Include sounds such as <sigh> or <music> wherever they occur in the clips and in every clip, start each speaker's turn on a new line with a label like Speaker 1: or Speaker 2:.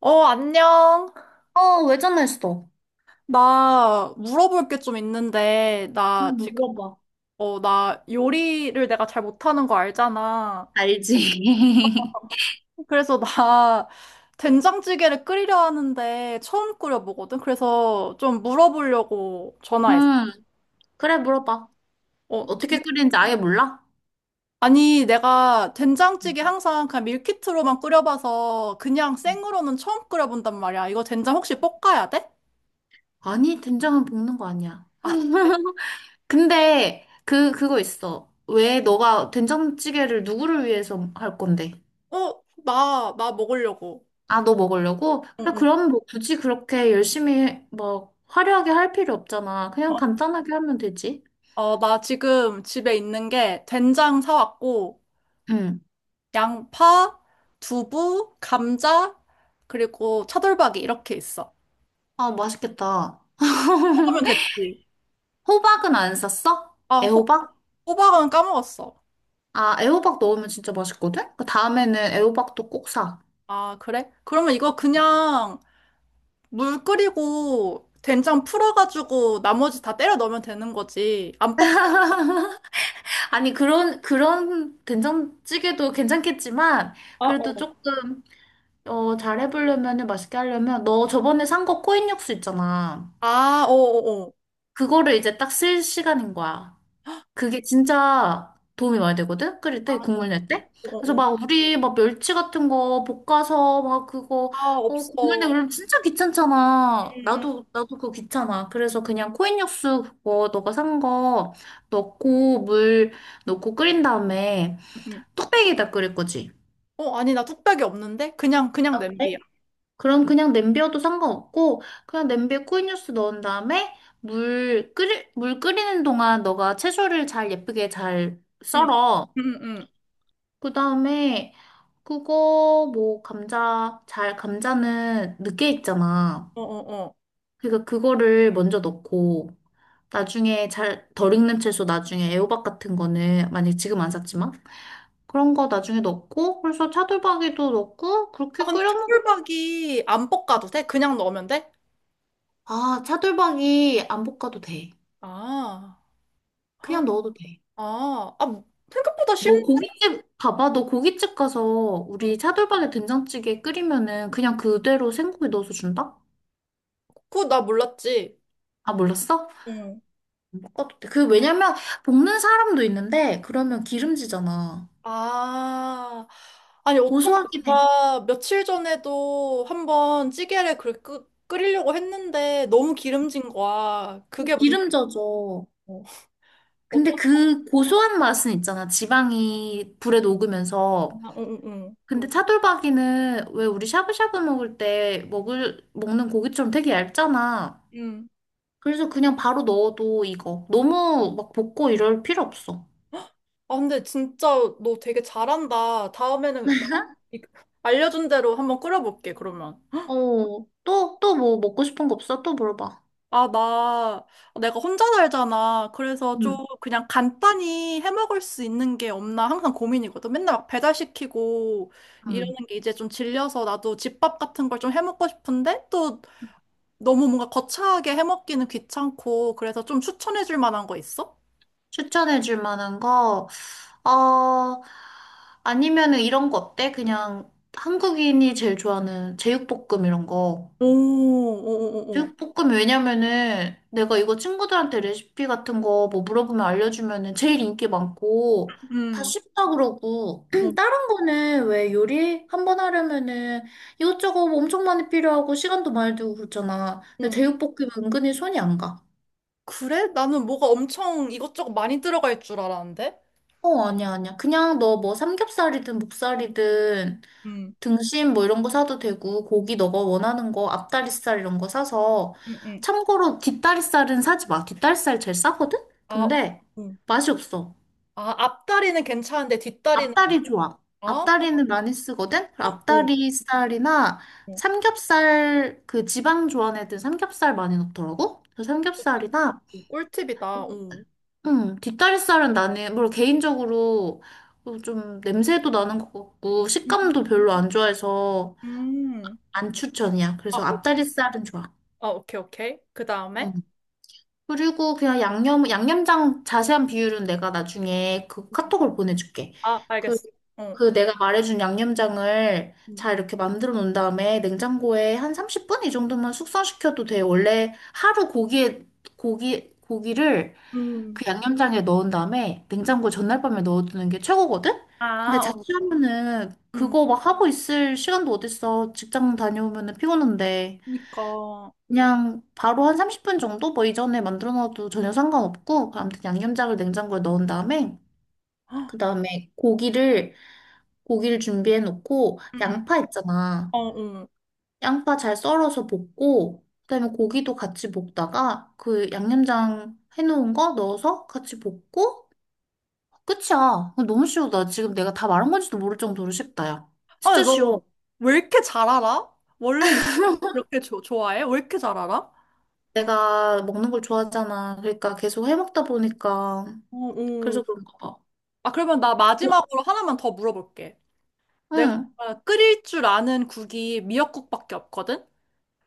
Speaker 1: 어, 안녕.
Speaker 2: 어, 왜 전화했어?
Speaker 1: 나 물어볼 게 좀 있는데, 나 지금,
Speaker 2: 물어봐.
Speaker 1: 나 요리를 내가 잘 못하는 거 알잖아.
Speaker 2: 알지.
Speaker 1: 그래서 나 <laughs> 된장찌개를 끓이려 하는데 처음 끓여보거든. 그래서 좀 물어보려고
Speaker 2: <laughs>
Speaker 1: 전화했어.
Speaker 2: 음, 그래, 물어봐.
Speaker 1: 어, 된-
Speaker 2: 어떻게 끓이는지 아예 몰라?
Speaker 1: 아니, 내가
Speaker 2: 음,
Speaker 1: 된장찌개 항상 그냥 밀키트로만 끓여봐서 그냥
Speaker 2: 음.
Speaker 1: 생으로는 처음 끓여본단 말이야. 이거 된장 혹시 볶아야 돼?
Speaker 2: 아니, 된장은 볶는 거 아니야.
Speaker 1: 아,
Speaker 2: <laughs> 근데, 그거 있어. 왜 너가 된장찌개를 누구를 위해서 할 건데?
Speaker 1: 어, 나 먹으려고.
Speaker 2: 아, 너 먹으려고?
Speaker 1: 응,
Speaker 2: 그래,
Speaker 1: 응.
Speaker 2: 그럼 뭐 굳이 그렇게 열심히 막 화려하게 할 필요 없잖아. 그냥 간단하게 하면 되지.
Speaker 1: 나 지금 집에 있는 게 된장 사왔고,
Speaker 2: 응.
Speaker 1: 양파, 두부, 감자, 그리고 차돌박이 이렇게 있어.
Speaker 2: 아, 맛있겠다.
Speaker 1: 그러면
Speaker 2: <laughs>
Speaker 1: 됐지.
Speaker 2: 호박은 안 샀어?
Speaker 1: 아,
Speaker 2: 애호박?
Speaker 1: 호박은 까먹었어.
Speaker 2: 아, 애호박 넣으면 진짜 맛있거든? 그 다음에는 애호박도 꼭 사.
Speaker 1: 아, 그래? 그러면 이거 그냥 물 끓이고 된장 풀어가지고 나머지 다 때려 넣으면 되는 거지. 안 볶.
Speaker 2: 아니, 그런 된장찌개도 괜찮겠지만,
Speaker 1: 아,
Speaker 2: 그래도
Speaker 1: 어.
Speaker 2: 조금, 어, 잘 해보려면, 맛있게 하려면, 너 저번에 산 거 코인 육수 있잖아.
Speaker 1: 아, 어어어.
Speaker 2: 그거를 이제 딱 쓸 시간인 거야. 그게 진짜 도움이 많이 되거든? 끓일 때, 국물 낼 때? 그래서
Speaker 1: 어어어.
Speaker 2: 막 우리 막 멸치 같은 거 볶아서 막 그거,
Speaker 1: 아,
Speaker 2: 어, 국물 내고
Speaker 1: 없어.
Speaker 2: 그러면 진짜 귀찮잖아.
Speaker 1: 음, 음,
Speaker 2: 나도 그거 귀찮아. 그래서 그냥 코인 육수 그거 너가 산 거 넣고 물 넣고 끓인 다음에
Speaker 1: 음.
Speaker 2: 뚝배기에다 끓일 거지.
Speaker 1: 어, 아니, 나 뚝배기 없는데? 그냥
Speaker 2: 네.
Speaker 1: 냄비야.
Speaker 2: 그럼 그냥 냄비여도 상관없고 그냥 냄비에 코인 육수 넣은 다음에 물 끓이는 동안 너가 채소를 잘 예쁘게 잘
Speaker 1: 응,
Speaker 2: 썰어.
Speaker 1: 응, 응.
Speaker 2: 그다음에 그거 뭐 감자는 늦게 익잖아.
Speaker 1: 어어어.
Speaker 2: 그러니까 그거를 먼저 넣고 나중에 잘 덜 익는 채소 나중에 애호박 같은 거는 만약에 지금 안 샀지만 그런 거 나중에 넣고 그래서 차돌박이도 넣고
Speaker 1: 아,
Speaker 2: 그렇게
Speaker 1: 근데
Speaker 2: 끓여 먹으면
Speaker 1: 차돌박이 안 볶아도 돼? 그냥 넣으면 돼?
Speaker 2: 아 차돌박이 안 볶아도 돼.
Speaker 1: 아,
Speaker 2: 그냥
Speaker 1: 헉,
Speaker 2: 넣어도 돼.
Speaker 1: 아, 아, 뭐, 생각보다
Speaker 2: 너
Speaker 1: 쉽네.
Speaker 2: 고깃집 봐봐. 너 고깃집 가서
Speaker 1: 응.
Speaker 2: 우리 차돌박이 된장찌개 끓이면은 그냥 그대로 생고기 넣어서 준다?
Speaker 1: 그거 나 몰랐지.
Speaker 2: 아 몰랐어?
Speaker 1: 응.
Speaker 2: 어, 그, 왜냐면, 볶는 사람도 있는데, 그러면 기름지잖아.
Speaker 1: 아, 아니, 어쩐지
Speaker 2: 고소하긴 해.
Speaker 1: 내가 며칠 전에도 한번 찌개를 끓이려고 했는데 너무 기름진 거야. 그게
Speaker 2: 기름
Speaker 1: 문제고.
Speaker 2: 져져. 근데
Speaker 1: 어쩐지.
Speaker 2: 그 고소한 맛은 있잖아. 지방이 불에 녹으면서.
Speaker 1: 아, 응, 응, 응.
Speaker 2: 근데 응. 차돌박이는 왜 우리 샤브샤브 먹을 때 먹는 고기처럼 되게 얇잖아.
Speaker 1: 응.
Speaker 2: 그래서 그냥 바로 넣어도 익어. 너무 막 볶고 이럴 필요 없어.
Speaker 1: 아, 근데 진짜 너 되게 잘한다. 다음에는 나 이- 알려준 대로 한번 끓여볼게, 그러면.
Speaker 2: 어, 또 뭐 먹고 싶은 거 없어? 또 물어봐.
Speaker 1: 아, 내가 혼자 살잖아. 그래서 좀
Speaker 2: 응,
Speaker 1: 그냥 간단히 해 먹을 수 있는 게 없나 항상 고민이거든. 맨날 막 배달시키고
Speaker 2: 응.
Speaker 1: 이러는 게 이제 좀 질려서 나도 집밥 같은 걸 좀 해 먹고 싶은데 또 너무 뭔가 거창하게 해 먹기는 귀찮고 그래서 좀 추천해 줄 만한 거 있어?
Speaker 2: 추천해줄 만한 거. 어, 아니면은 이런 거 어때? 그냥 한국인이 제일 좋아하는 제육볶음 이런 거.
Speaker 1: 오, 오, 오, 오.
Speaker 2: 제육볶음 왜냐면은 내가 이거 친구들한테 레시피 같은 거 뭐 물어보면 알려주면은 제일 인기 많고 다
Speaker 1: 음,
Speaker 2: 쉽다 그러고
Speaker 1: 음,
Speaker 2: <clears throat> 다른 거는 왜 요리 한번 하려면은 이것저것 뭐 엄청 많이 필요하고 시간도 많이 들고 그렇잖아. 근데
Speaker 1: 음.
Speaker 2: 제육볶은근히 손이 안 가.
Speaker 1: 그래? 나는 뭐가 엄청 이것저것 많이 들어갈 줄 알았는데?
Speaker 2: 어, 아니야, 아니야. 그냥 너 뭐 삼겹살이든 목살이든
Speaker 1: 음,
Speaker 2: 등심 뭐 이런 거 사도 되고 고기 너가 원하는 거 앞다리살 이런 거 사서
Speaker 1: 음, 음.
Speaker 2: 참고로 뒷다리살은 사지 마. 뒷다리살 제일 싸거든?
Speaker 1: 아, 어,
Speaker 2: 근데
Speaker 1: 음.
Speaker 2: 맛이 없어.
Speaker 1: 아, 앞다리는 괜찮은데 뒷다리는.
Speaker 2: 앞다리 좋아.
Speaker 1: 아,
Speaker 2: 앞다리는 많이 쓰거든?
Speaker 1: 오,
Speaker 2: 앞다리살이나
Speaker 1: 오,
Speaker 2: 삼겹살 그 지방 좋아하는 삼겹살 많이 넣더라고. 그래서 삼겹살이나
Speaker 1: 오, 꿀팁이다. 오.
Speaker 2: 뒷다리살은 나는 뭘 개인적으로 어, 좀 냄새도 나는 것 같고
Speaker 1: 음,
Speaker 2: 식감도 별로 안 좋아해서
Speaker 1: 음.
Speaker 2: 안 추천이야.
Speaker 1: 아,
Speaker 2: 그래서
Speaker 1: 오.
Speaker 2: 앞다리살은 좋아.
Speaker 1: 아, 오케이, 오케이. 그
Speaker 2: 음.
Speaker 1: 다음에?
Speaker 2: 그리고 그냥 양념장 자세한 비율은 내가 나중에 그 카톡을 보내줄게.
Speaker 1: 아,
Speaker 2: 그,
Speaker 1: 알겠어. 어.
Speaker 2: 그 내가 말해준 양념장을
Speaker 1: 음,
Speaker 2: 잘 이렇게 만들어 놓은 다음에 냉장고에 한 30분 이 정도만 숙성시켜도 돼. 원래 하루 고기를
Speaker 1: 음.
Speaker 2: 그 양념장에 넣은 다음에 냉장고 전날 밤에 넣어두는 게 최고거든? 근데
Speaker 1: 아, 어,
Speaker 2: 자취하면은
Speaker 1: 음.
Speaker 2: 그거 막 하고 있을 시간도 어딨어. 직장 다녀오면은 피곤한데.
Speaker 1: 그러니까.
Speaker 2: 그냥 바로 한 30분 정도 뭐 이전에 만들어 놔도 전혀 상관없고 아무튼 양념장을 냉장고에 넣은 다음에
Speaker 1: 헉,
Speaker 2: 그다음에 고기를 준비해 놓고
Speaker 1: 음, 음.
Speaker 2: 양파 있잖아.
Speaker 1: 어, 어.
Speaker 2: 양파 잘 썰어서 볶고 그다음에 고기도 같이 볶다가 그 양념장 해놓은 거 넣어서 같이 볶고 끝이야. 너무 쉬워. 나 지금 내가 다 말한 건지도 모를 정도로 쉽다, 야.
Speaker 1: 아,
Speaker 2: 진짜
Speaker 1: 너
Speaker 2: 쉬워.
Speaker 1: 왜 이렇게 잘 알아? 원래 요리 그렇게 좋아해? 왜 이렇게 잘 알아?
Speaker 2: 내가 먹는 걸 좋아하잖아. 그러니까 계속 해 먹다 보니까
Speaker 1: 어,
Speaker 2: 그래서
Speaker 1: 어.
Speaker 2: 그런가 봐.
Speaker 1: 아, 그러면 나
Speaker 2: 그래-
Speaker 1: 마지막으로 하나만 더 물어볼게. 내가
Speaker 2: 응.
Speaker 1: 끓일 줄 아는 국이 미역국밖에 없거든?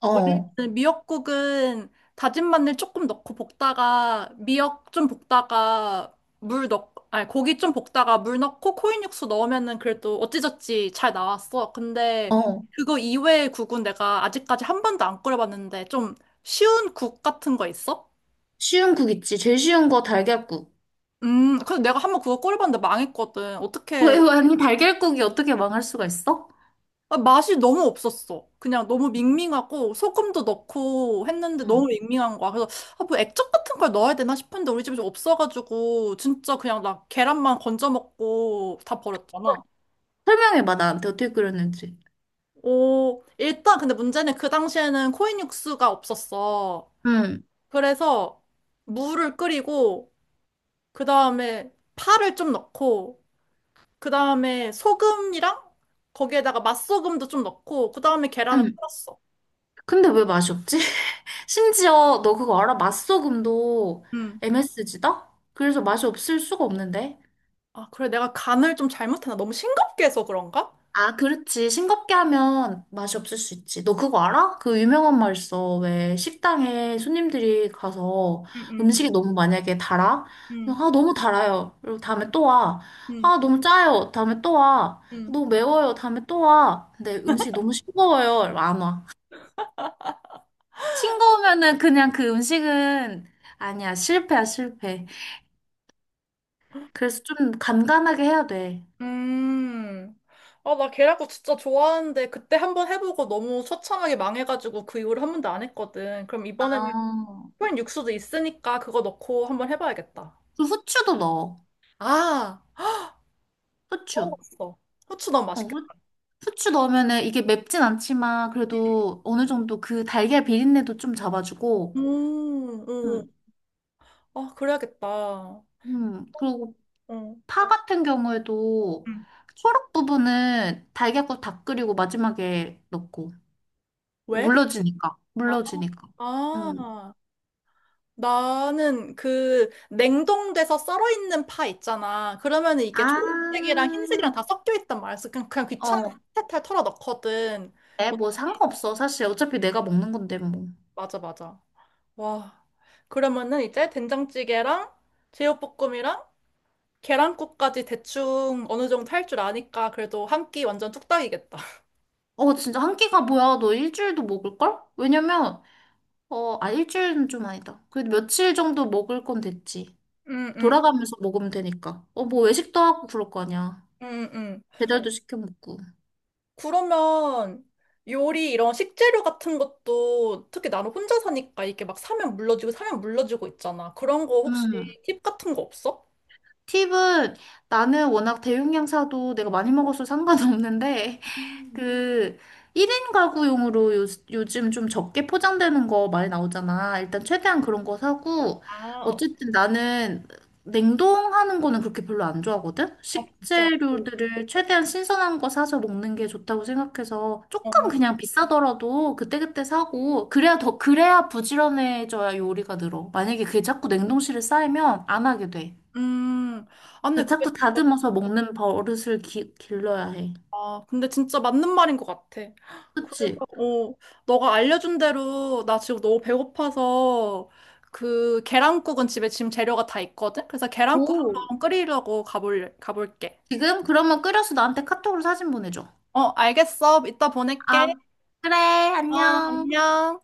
Speaker 2: 어,
Speaker 1: 원래는 미역국은 다진 마늘 조금 넣고 볶다가 미역 좀 볶다가 아니, 고기 좀 볶다가 물 넣고 코인 육수 넣으면은 그래도 어찌저찌 잘 나왔어. 근데
Speaker 2: 어.
Speaker 1: 그거 이외의 국은 내가 아직까지 한 번도 안 끓여봤는데 좀 쉬운 국 같은 거 있어?
Speaker 2: 쉬운 국 있지. 제일 쉬운 거 달걀국.
Speaker 1: 그래서 내가 한 번 그거 끓여봤는데 망했거든.
Speaker 2: <laughs> 왜,
Speaker 1: 어떻게.
Speaker 2: 왜, 아니, 달걀국이 어떻게 망할 수가 있어?
Speaker 1: 아, 맛이 너무 없었어. 그냥 너무 밍밍하고 소금도 넣고 했는데 너무
Speaker 2: 응.
Speaker 1: 밍밍한 거야. 그래서. 아, 뭐 액젓 같은 걸 넣어야 되나 싶은데 우리 집에 없어가지고 진짜 그냥 나 계란만 건져 먹고 다 버렸잖아.
Speaker 2: 설명해봐, 나한테 어떻게 끓였는지.
Speaker 1: 오, 일단 근데 문제는 그 당시에는 코인 육수가 없었어.
Speaker 2: 응,
Speaker 1: 그래서 물을 끓이고 그 다음에 파를 좀 넣고 그 다음에 소금이랑 거기에다가 맛소금도 좀 넣고 그 다음에 계란을
Speaker 2: 응.
Speaker 1: 풀었어.
Speaker 2: 근데 왜 맛이 없지? <laughs> 심지어, 너 그거 알아? 맛소금도 MSG다? 그래서 맛이 없을 수가 없는데.
Speaker 1: 아, 그래. 내가 간을 좀 잘못하나? 너무 싱겁게 해서 그런가?
Speaker 2: 아, 그렇지. 싱겁게 하면 맛이 없을 수 있지. 너 그거 알아? 그 유명한 말 있어. 왜 식당에 손님들이 가서
Speaker 1: 음, 음,
Speaker 2: 음식이 너무 만약에 달아?
Speaker 1: 음,
Speaker 2: 아, 너무 달아요. 그리고 다음에 또 와.
Speaker 1: 음,
Speaker 2: 아, 너무 짜요. 다음에 또 와.
Speaker 1: 음.
Speaker 2: 너무 매워요. 다음에 또 와. 근데 음식이 너무 싱거워요. 이러면 안 와. 싱거우면은 그냥 그 음식은 아니야. 실패야, 실패. 그래서 좀 간간하게 해야 돼.
Speaker 1: 음. 아, 나 계란국 진짜 좋아하는데 그때 한번 해보고 너무 처참하게 망해가지고 그 이후로 한 번도 안 했거든. 그럼 이번에는
Speaker 2: 아,
Speaker 1: 코인 육수도 있으니까 그거 넣고 한번 해봐야겠다.
Speaker 2: 그 후추도 넣어.
Speaker 1: 아,
Speaker 2: 후추.
Speaker 1: 먹었어. 후추 넣으면
Speaker 2: 어,
Speaker 1: 맛있겠다.
Speaker 2: 후추 넣으면은 이게 맵진 않지만 그래도 어느 정도 그 달걀 비린내도 좀 잡아주고,
Speaker 1: 음.
Speaker 2: 음,
Speaker 1: 아, 그래야겠다. 어.
Speaker 2: 그리고
Speaker 1: 음.
Speaker 2: 파 같은 경우에도 초록 부분은 달걀국 다 끓이고 마지막에 넣고
Speaker 1: 왜?
Speaker 2: 물러지니까,
Speaker 1: 아,
Speaker 2: 물러지니까. 음.
Speaker 1: 아. 나는 그 냉동돼서 썰어 있는 파 있잖아. 그러면 이게
Speaker 2: 아,
Speaker 1: 초록색이랑 흰색이랑 다 섞여 있단 말이야. 그래서 그냥 귀찮아
Speaker 2: 어,
Speaker 1: 탈탈 털어 넣거든.
Speaker 2: 네,
Speaker 1: 어,
Speaker 2: 뭐 상관없어. 사실 어차피 내가 먹는 건데 뭐.
Speaker 1: 맞아, 맞아. 와. 그러면은 이제 된장찌개랑 제육볶음이랑 계란국까지 대충 어느 정도 할 줄 아니까 그래도 한 끼 완전 뚝딱이겠다.
Speaker 2: 어, 진짜 한 끼가 뭐야? 너 일주일도 먹을걸? 왜냐면, 어, 아, 일주일은 좀 아니다. 그래도 며칠 정도 먹을 건 됐지.
Speaker 1: 응, 응,
Speaker 2: 돌아가면서 먹으면 되니까. 어, 뭐 외식도 하고 그럴 거 아니야.
Speaker 1: 응, 응.
Speaker 2: 배달도 시켜 먹고.
Speaker 1: 그러면 요리 이런 식재료 같은 것도 특히 나는 혼자 사니까 이게 막 사면 물러지고 사면 물러지고 있잖아. 그런 거 혹시
Speaker 2: 음.
Speaker 1: 팁 같은 거 없어?
Speaker 2: 팁은 나는 워낙 대용량 사도 내가 많이 먹어서 상관없는데
Speaker 1: 음.
Speaker 2: 그 1인 가구용으로 요즘 좀 적게 포장되는 거 많이 나오잖아. 일단 최대한 그런 거 사고
Speaker 1: 아, 어,
Speaker 2: 어쨌든 나는 냉동하는 거는 그렇게 별로 안 좋아하거든.
Speaker 1: 아 진짜.
Speaker 2: 식재료들을 최대한 신선한 거 사서 먹는 게 좋다고 생각해서 조금
Speaker 1: 어.
Speaker 2: 그냥 비싸더라도 그때그때 사고 그래야 더 그래야 부지런해져야 요리가 늘어. 만약에 그게 자꾸 냉동실에 쌓이면 안 하게 돼.
Speaker 1: 음, 아, 근데
Speaker 2: 그래서
Speaker 1: 그게
Speaker 2: 자꾸
Speaker 1: 진짜.
Speaker 2: 다듬어서 먹는 버릇을 길러야 해.
Speaker 1: 아, 근데 진짜 맞는 말인 것 같아. 그래서,
Speaker 2: 그치?
Speaker 1: 너가 알려준 대로 나 지금 너무 배고파서 그 계란국은 집에 지금 재료가 다 있거든? 그래서 계란국
Speaker 2: 오.
Speaker 1: 한번 끓이려고 가볼게.
Speaker 2: 지금? 그러면 끓여서 나한테 카톡으로 사진 보내줘.
Speaker 1: 어, 알겠어. 이따
Speaker 2: 아,
Speaker 1: 보낼게.
Speaker 2: 그래,
Speaker 1: 어,
Speaker 2: 안녕.
Speaker 1: 안녕.